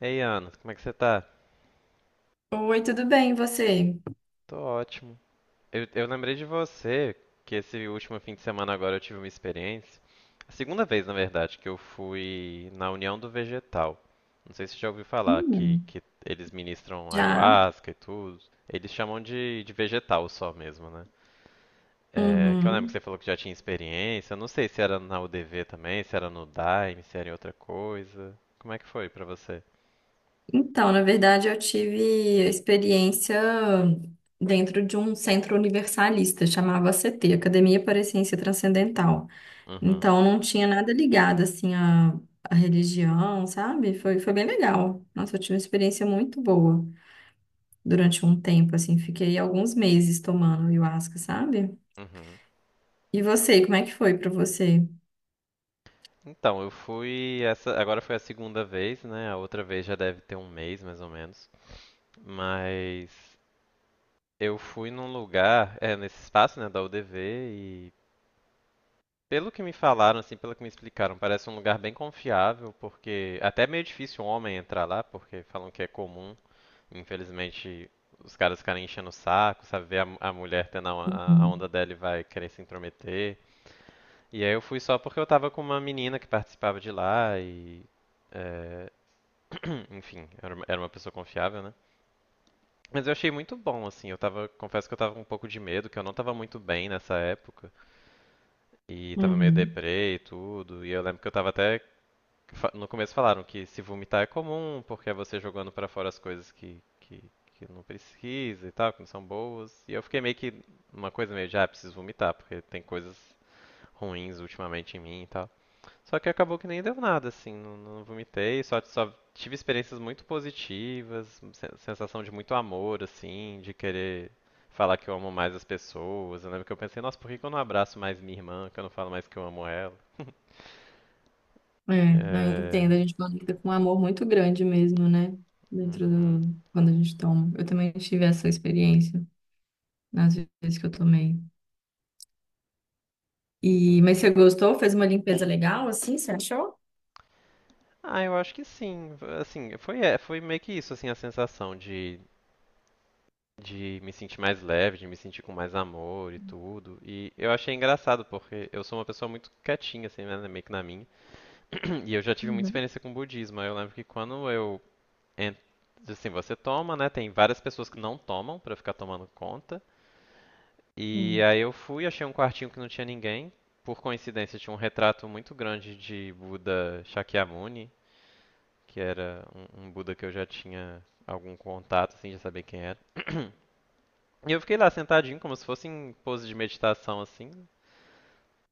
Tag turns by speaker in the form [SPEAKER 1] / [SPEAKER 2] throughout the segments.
[SPEAKER 1] Ei, Ana, como é que você tá?
[SPEAKER 2] Oi, tudo bem, e você?
[SPEAKER 1] Tô ótimo. Eu lembrei de você, que esse último fim de semana agora eu tive uma experiência. A segunda vez, na verdade, que eu fui na União do Vegetal. Não sei se você já ouviu falar que,
[SPEAKER 2] Hum,
[SPEAKER 1] que eles ministram
[SPEAKER 2] já?
[SPEAKER 1] ayahuasca e tudo. Eles chamam de vegetal só mesmo, né? É, que eu lembro que você
[SPEAKER 2] Uhum.
[SPEAKER 1] falou que já tinha experiência. Eu não sei se era na UDV também, se era no Daime, se era em outra coisa. Como é que foi pra você?
[SPEAKER 2] Então, na verdade, eu tive experiência dentro de um centro universalista, chamava ACT, Academia para a Ciência Transcendental.
[SPEAKER 1] Uhum,
[SPEAKER 2] Então, não tinha nada ligado, assim, à religião, sabe? Foi bem legal. Nossa, eu tive uma experiência muito boa durante um tempo, assim, fiquei alguns meses tomando ayahuasca, sabe?
[SPEAKER 1] uhum.
[SPEAKER 2] E você, como é que foi para você?
[SPEAKER 1] Então, eu fui essa, agora foi a segunda vez, né? A outra vez já deve ter um mês, mais ou menos. Mas eu fui num lugar, é, nesse espaço, né, da UDV e pelo que me falaram, assim, pelo que me explicaram, parece um lugar bem confiável, porque até é meio difícil um homem entrar lá, porque falam que é comum, infelizmente, os caras ficarem enchendo o saco, sabe? Ver a mulher tendo a onda dela e vai querer se intrometer. E aí eu fui só porque eu tava com uma menina que participava de lá e é, enfim, era uma pessoa confiável, né? Mas eu achei muito bom, assim. Eu tava, confesso que eu tava com um pouco de medo, que eu não tava muito bem nessa época. E tava meio
[SPEAKER 2] Uhum.
[SPEAKER 1] deprê e tudo. E eu lembro que eu tava até. No começo falaram que se vomitar é comum, porque é você jogando pra fora as coisas que não precisa e tal, que não são boas. E eu fiquei meio que numa coisa meio de, ah, preciso vomitar, porque tem coisas ruins ultimamente em mim e tal. Só que acabou que nem deu nada, assim, não vomitei, só tive experiências muito positivas, sensação de muito amor, assim, de querer falar que eu amo mais as pessoas. Eu lembro que eu pensei, nossa, por que que eu não abraço mais minha irmã, que eu não falo mais que eu amo ela?
[SPEAKER 2] É, eu entendo. A
[SPEAKER 1] É...
[SPEAKER 2] gente conecta com um amor muito grande mesmo, né?
[SPEAKER 1] Uhum.
[SPEAKER 2] Quando a gente toma. Eu também tive essa experiência nas vezes que eu tomei. Mas você gostou? Fez uma limpeza legal, assim? Você achou?
[SPEAKER 1] Ah, eu acho que sim. Assim, foi, é, foi meio que isso, assim, a sensação de me sentir mais leve, de me sentir com mais amor e tudo. E eu achei engraçado, porque eu sou uma pessoa muito quietinha, assim, né, meio que na minha. E eu já tive muita
[SPEAKER 2] Uhum,
[SPEAKER 1] experiência com budismo. Eu lembro que quando eu. en- Assim, você toma, né? Tem várias pessoas que não tomam pra ficar tomando conta. E
[SPEAKER 2] sim.
[SPEAKER 1] aí eu fui, achei um quartinho que não tinha ninguém. Por coincidência, tinha um retrato muito grande de Buda Shakyamuni, que era um Buda que eu já tinha algum contato, assim, já sabia quem era. E eu fiquei lá sentadinho, como se fosse em pose de meditação, assim.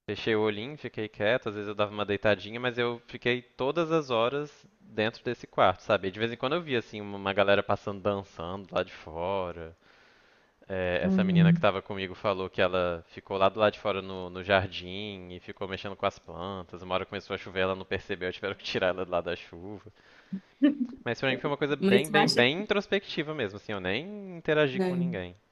[SPEAKER 1] Fechei o olhinho, fiquei quieto, às vezes eu dava uma deitadinha, mas eu fiquei todas as horas dentro desse quarto, sabe? E de vez em quando eu via assim uma galera passando dançando lá de fora. É, essa menina que
[SPEAKER 2] Uhum.
[SPEAKER 1] estava comigo falou que ela ficou lá do lado de fora no jardim e ficou mexendo com as plantas. Uma hora começou a chover, ela não percebeu, tiveram que tirar ela de lá da chuva. Mas pra mim foi uma coisa
[SPEAKER 2] Mas você acha que...
[SPEAKER 1] bem introspectiva mesmo, assim, eu nem interagi com
[SPEAKER 2] né?
[SPEAKER 1] ninguém.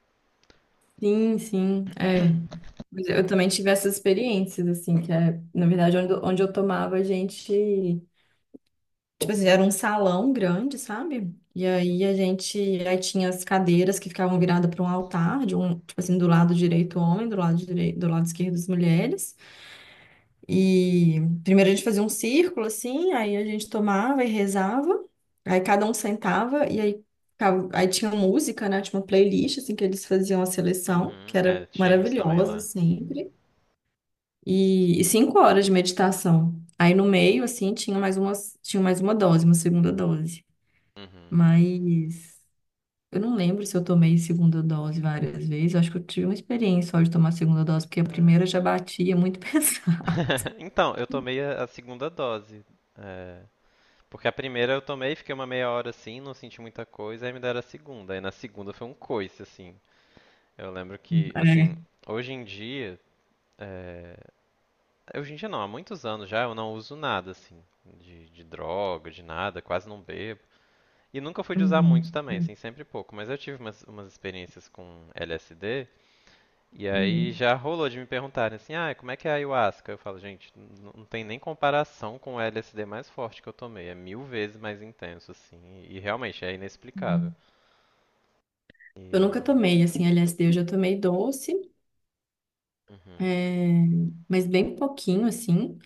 [SPEAKER 2] Sim, sim, é. Mas eu também tive essas experiências, assim, que é, na verdade, onde eu tomava. Tipo assim, era um salão grande, sabe? E aí tinha as cadeiras que ficavam viradas para um altar, de um, tipo assim, do lado direito o homem, do lado esquerdo as mulheres. E primeiro a gente fazia um círculo assim, aí a gente tomava e rezava. Aí cada um sentava e aí aí tinha música, né? Tinha uma playlist assim que eles faziam a seleção,
[SPEAKER 1] Uhum,
[SPEAKER 2] que era
[SPEAKER 1] é, tinha isso também
[SPEAKER 2] maravilhosa
[SPEAKER 1] lá.
[SPEAKER 2] sempre. E 5 horas de meditação. Aí no meio assim tinha mais umas, tinha mais uma dose, uma segunda dose.
[SPEAKER 1] Uhum.
[SPEAKER 2] Mas eu não lembro se eu tomei segunda dose várias vezes. Eu acho que eu tive uma experiência só de tomar segunda dose, porque a primeira já batia muito pesado.
[SPEAKER 1] Então, eu tomei a segunda dose. é, Porque a primeira eu tomei, fiquei uma meia hora assim, não senti muita coisa, aí me deram a segunda. Aí na segunda foi um coice, assim. Eu lembro que, assim,
[SPEAKER 2] É.
[SPEAKER 1] hoje em dia. é, Hoje em dia não, há muitos anos já eu não uso nada, assim, de droga, de nada, quase não bebo. E nunca fui de usar
[SPEAKER 2] Uhum,
[SPEAKER 1] muito também, assim, sempre pouco. Mas eu tive umas experiências com LSD. E aí
[SPEAKER 2] uhum,
[SPEAKER 1] já rolou de me perguntarem assim, ah, como é que é a ayahuasca? Eu falo, gente, não tem nem comparação com o LSD mais forte que eu tomei. É mil vezes mais intenso, assim. E realmente é inexplicável.
[SPEAKER 2] uhum. Eu nunca
[SPEAKER 1] E.
[SPEAKER 2] tomei, assim, LSD, eu já tomei doce,
[SPEAKER 1] Uhum.
[SPEAKER 2] é, mas bem pouquinho, assim,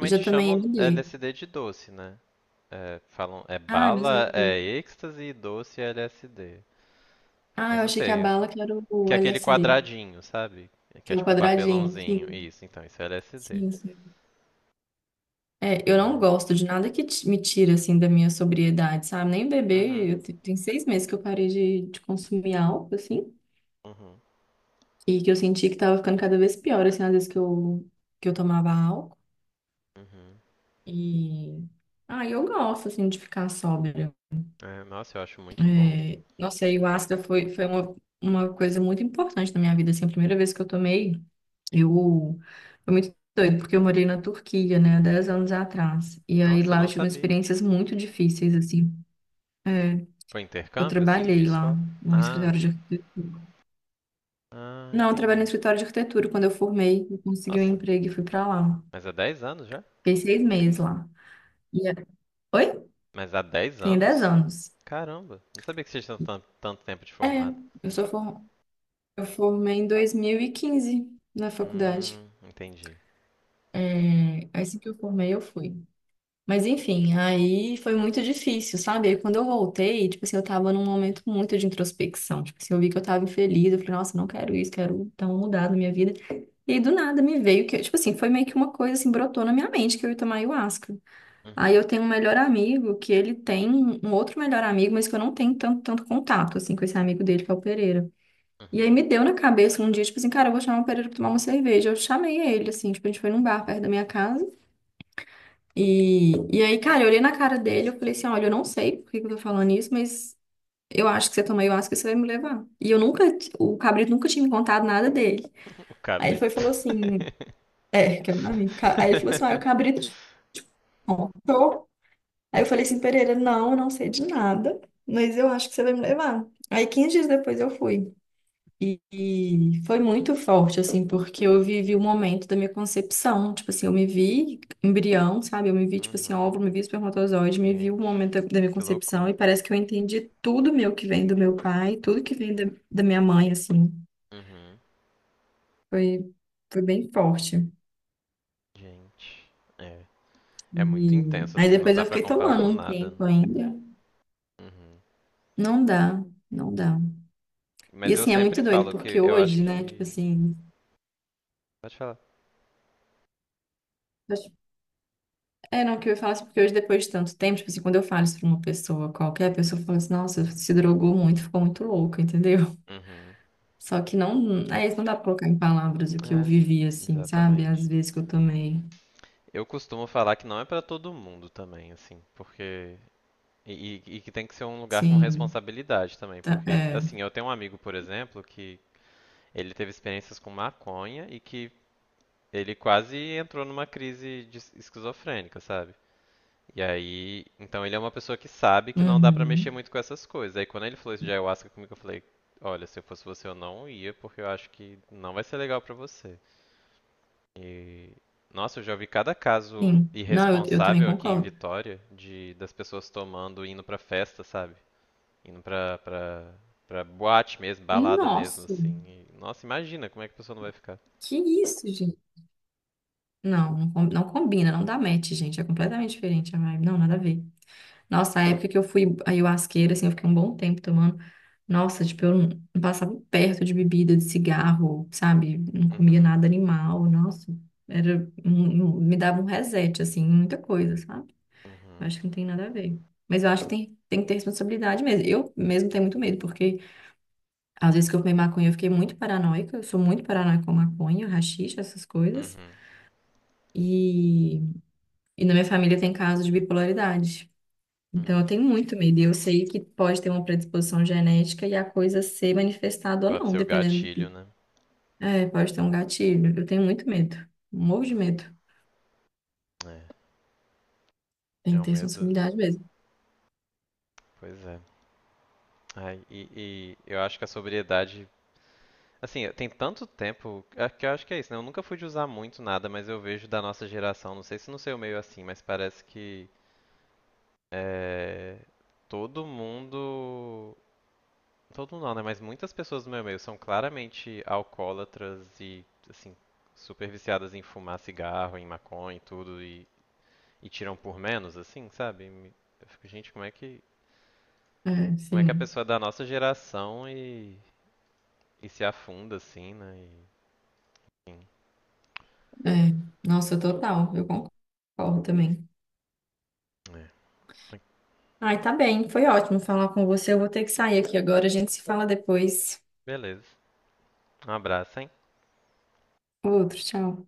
[SPEAKER 2] e já tomei
[SPEAKER 1] chamam
[SPEAKER 2] MD.
[SPEAKER 1] LSD de doce, né? É, falam, é
[SPEAKER 2] Ah, é a mesma
[SPEAKER 1] bala, é
[SPEAKER 2] coisa.
[SPEAKER 1] êxtase e doce é LSD.
[SPEAKER 2] Ah,
[SPEAKER 1] Mas
[SPEAKER 2] eu
[SPEAKER 1] não
[SPEAKER 2] achei que a
[SPEAKER 1] sei,
[SPEAKER 2] bala que era
[SPEAKER 1] que
[SPEAKER 2] o
[SPEAKER 1] é aquele
[SPEAKER 2] LSD,
[SPEAKER 1] quadradinho, sabe? Que
[SPEAKER 2] que
[SPEAKER 1] é
[SPEAKER 2] é o
[SPEAKER 1] tipo um
[SPEAKER 2] quadradinho.
[SPEAKER 1] papelãozinho.
[SPEAKER 2] Sim,
[SPEAKER 1] Isso, então, isso é LSD.
[SPEAKER 2] sim, sim. É, eu não
[SPEAKER 1] Mas...
[SPEAKER 2] gosto de nada que me tira, assim, da minha sobriedade, sabe? Nem beber,
[SPEAKER 1] Uhum,
[SPEAKER 2] tem 6 meses que eu parei de consumir álcool, assim,
[SPEAKER 1] uhum,
[SPEAKER 2] e que eu senti que tava ficando cada vez pior, assim, às vezes que eu tomava álcool,
[SPEAKER 1] uhum.
[SPEAKER 2] e... Ah, eu gosto, assim, de ficar sóbria.
[SPEAKER 1] É, nossa, eu acho muito bom.
[SPEAKER 2] É, nossa, a ayahuasca foi uma coisa muito importante na minha vida, assim, a primeira vez que eu tomei, eu... Foi muito doido, porque eu morei na Turquia, né, 10 anos atrás, e aí
[SPEAKER 1] Nossa,
[SPEAKER 2] lá eu
[SPEAKER 1] não
[SPEAKER 2] tive
[SPEAKER 1] sabia.
[SPEAKER 2] experiências muito difíceis, assim. É,
[SPEAKER 1] Foi
[SPEAKER 2] eu
[SPEAKER 1] intercâmbio, assim, de
[SPEAKER 2] trabalhei lá
[SPEAKER 1] escola?
[SPEAKER 2] no
[SPEAKER 1] Ah,
[SPEAKER 2] escritório de arquitetura.
[SPEAKER 1] ah,
[SPEAKER 2] Não, eu trabalhei no
[SPEAKER 1] entendi.
[SPEAKER 2] escritório de arquitetura. Quando eu formei, eu consegui um
[SPEAKER 1] Nossa,
[SPEAKER 2] emprego e fui pra lá.
[SPEAKER 1] mas há 10 anos já?
[SPEAKER 2] Fiquei 6 meses lá. E é- Oi?
[SPEAKER 1] Mas há 10
[SPEAKER 2] Tem dez
[SPEAKER 1] anos?
[SPEAKER 2] anos.
[SPEAKER 1] Caramba, não sabia que vocês tinham tanto tempo de
[SPEAKER 2] É,
[SPEAKER 1] formado.
[SPEAKER 2] eu sou for... eu formei em 2015 na faculdade.
[SPEAKER 1] Entendi.
[SPEAKER 2] É, assim que eu formei, eu fui. Mas enfim, aí foi muito difícil, sabe? Aí quando eu voltei, tipo assim, eu tava num momento muito de introspecção. Tipo assim, eu vi que eu tava infeliz. Eu falei, nossa, não quero isso, quero dar uma mudada na minha vida. E aí, do nada, me veio que, tipo assim, foi meio que uma coisa assim, brotou na minha mente que eu ia tomar ayahuasca. Aí
[SPEAKER 1] Uhum,
[SPEAKER 2] eu tenho um melhor amigo que ele tem um outro melhor amigo, mas que eu não tenho tanto contato, assim, com esse amigo dele, que é o Pereira. E aí
[SPEAKER 1] uhum.
[SPEAKER 2] me deu na cabeça um dia, tipo assim, cara, eu vou chamar o Pereira pra tomar uma cerveja. Eu chamei ele, assim, tipo, a gente foi num bar perto da minha casa. E aí, cara, eu olhei na cara dele, eu falei assim, olha, eu não sei por que que eu tô falando isso, mas eu acho que você toma ayahuasca e você vai me levar. E eu nunca, O Cabrito nunca tinha me contado nada dele.
[SPEAKER 1] O
[SPEAKER 2] Aí ele foi e
[SPEAKER 1] cabrito.
[SPEAKER 2] falou assim. É, que é meu amigo. Aí ele falou assim, ah, o Cabrito te contou. Aí eu falei assim, Pereira, não, eu não sei de nada, mas eu acho que você vai me levar. Aí 15 dias depois eu fui. E foi muito forte, assim, porque eu vivi o momento da minha concepção. Tipo assim, eu me vi embrião, sabe? Eu me vi, tipo assim,
[SPEAKER 1] Uhum,
[SPEAKER 2] óvulo, me vi espermatozoide, me vi o
[SPEAKER 1] gente,
[SPEAKER 2] momento da minha
[SPEAKER 1] que
[SPEAKER 2] concepção.
[SPEAKER 1] loucura.
[SPEAKER 2] E parece que eu entendi tudo meu que vem do meu pai, tudo que vem da minha mãe, assim.
[SPEAKER 1] Uhum,
[SPEAKER 2] Foi, foi bem forte.
[SPEAKER 1] gente. É, é muito
[SPEAKER 2] E
[SPEAKER 1] intenso,
[SPEAKER 2] aí
[SPEAKER 1] assim, não
[SPEAKER 2] depois
[SPEAKER 1] dá
[SPEAKER 2] eu
[SPEAKER 1] pra
[SPEAKER 2] fiquei
[SPEAKER 1] comparar
[SPEAKER 2] tomando
[SPEAKER 1] com
[SPEAKER 2] um
[SPEAKER 1] nada, né?
[SPEAKER 2] tempo ainda.
[SPEAKER 1] Uhum.
[SPEAKER 2] Não dá, não dá. E
[SPEAKER 1] Mas eu
[SPEAKER 2] assim, é
[SPEAKER 1] sempre
[SPEAKER 2] muito doido,
[SPEAKER 1] falo que
[SPEAKER 2] porque
[SPEAKER 1] eu acho
[SPEAKER 2] hoje, né, tipo
[SPEAKER 1] que...
[SPEAKER 2] assim.
[SPEAKER 1] Pode falar.
[SPEAKER 2] acho- É, não, o que eu ia falar assim, porque hoje, depois de tanto tempo, tipo assim, quando eu falo isso pra uma pessoa, qualquer pessoa fala assim, nossa, se drogou muito, ficou muito louca, entendeu?
[SPEAKER 1] Uhum.
[SPEAKER 2] Só que não. É isso, não dá pra colocar em palavras o que eu
[SPEAKER 1] É,
[SPEAKER 2] vivi, assim, sabe? Às
[SPEAKER 1] exatamente.
[SPEAKER 2] vezes que eu tomei.
[SPEAKER 1] Eu costumo falar que não é pra todo mundo também, assim, porque. E, e que tem que ser um lugar com
[SPEAKER 2] Sim,
[SPEAKER 1] responsabilidade também, porque,
[SPEAKER 2] é.
[SPEAKER 1] assim, eu tenho um amigo, por exemplo, que ele teve experiências com maconha e que ele quase entrou numa crise de esquizofrênica, sabe? E aí, então ele é uma pessoa que sabe que não dá pra mexer
[SPEAKER 2] Uhum,
[SPEAKER 1] muito com essas coisas. Aí quando ele falou isso de ayahuasca comigo, eu falei, olha, se eu fosse você, eu não ia, porque eu acho que não vai ser legal pra você. E, nossa, eu já ouvi cada caso
[SPEAKER 2] sim. Não, eu também
[SPEAKER 1] irresponsável aqui em
[SPEAKER 2] concordo.
[SPEAKER 1] Vitória de das pessoas tomando, e indo pra festa, sabe? Indo pra boate mesmo, balada mesmo,
[SPEAKER 2] Nossa,
[SPEAKER 1] assim. E, nossa, imagina como é que a pessoa não vai ficar.
[SPEAKER 2] que isso, gente? Não, não, não combina, não dá match, gente. É completamente diferente a vibe. Não, nada a ver. Nossa, a época que eu fui ayahuasqueira, assim, eu fiquei um bom tempo tomando. Nossa, tipo, eu não passava perto de bebida, de cigarro, sabe? Não comia
[SPEAKER 1] Uhum,
[SPEAKER 2] nada animal, nossa. Me dava um reset, assim, em muita coisa, sabe? Eu
[SPEAKER 1] uhum,
[SPEAKER 2] acho que não tem nada a ver. Mas eu acho que tem que ter responsabilidade mesmo. Eu mesmo tenho muito medo, porque às vezes que eu fumei maconha, eu fiquei muito paranoica. Eu sou muito paranoica com maconha, haxixe, essas coisas.
[SPEAKER 1] uhum.
[SPEAKER 2] E, e na minha família tem caso de bipolaridade. Então, eu
[SPEAKER 1] Hum,
[SPEAKER 2] tenho muito medo. E eu sei que pode ter uma predisposição genética e a coisa ser manifestada ou
[SPEAKER 1] pode
[SPEAKER 2] não,
[SPEAKER 1] ser o
[SPEAKER 2] dependendo de.
[SPEAKER 1] gatilho, né?
[SPEAKER 2] É, pode ter um gatilho. Eu tenho muito medo. Morro de
[SPEAKER 1] Hum,
[SPEAKER 2] medo.
[SPEAKER 1] é,
[SPEAKER 2] Tem
[SPEAKER 1] é
[SPEAKER 2] que
[SPEAKER 1] um
[SPEAKER 2] ter
[SPEAKER 1] medo.
[SPEAKER 2] sensibilidade mesmo.
[SPEAKER 1] Pois é. Ai, e eu acho que a sobriedade. Assim, tem tanto tempo é que eu acho que é isso, né? Eu nunca fui de usar muito nada, mas eu vejo da nossa geração, não sei se no seu meio é assim, mas parece que é, todo mundo. Todo mundo não, né? Mas muitas pessoas do meu meio são claramente alcoólatras e, assim, super viciadas em fumar cigarro, em maconha e tudo, e tiram por menos, assim, sabe? Eu fico, gente,
[SPEAKER 2] É,
[SPEAKER 1] como é que a
[SPEAKER 2] sim.
[SPEAKER 1] pessoa da nossa geração e se afunda assim, né? E, enfim,
[SPEAKER 2] É. Nossa, total. Eu concordo também.
[SPEAKER 1] é.
[SPEAKER 2] Ai, tá bem. Foi ótimo falar com você. Eu vou ter que sair aqui agora. A gente se fala depois.
[SPEAKER 1] Beleza. Um abraço, hein?
[SPEAKER 2] Outro, tchau.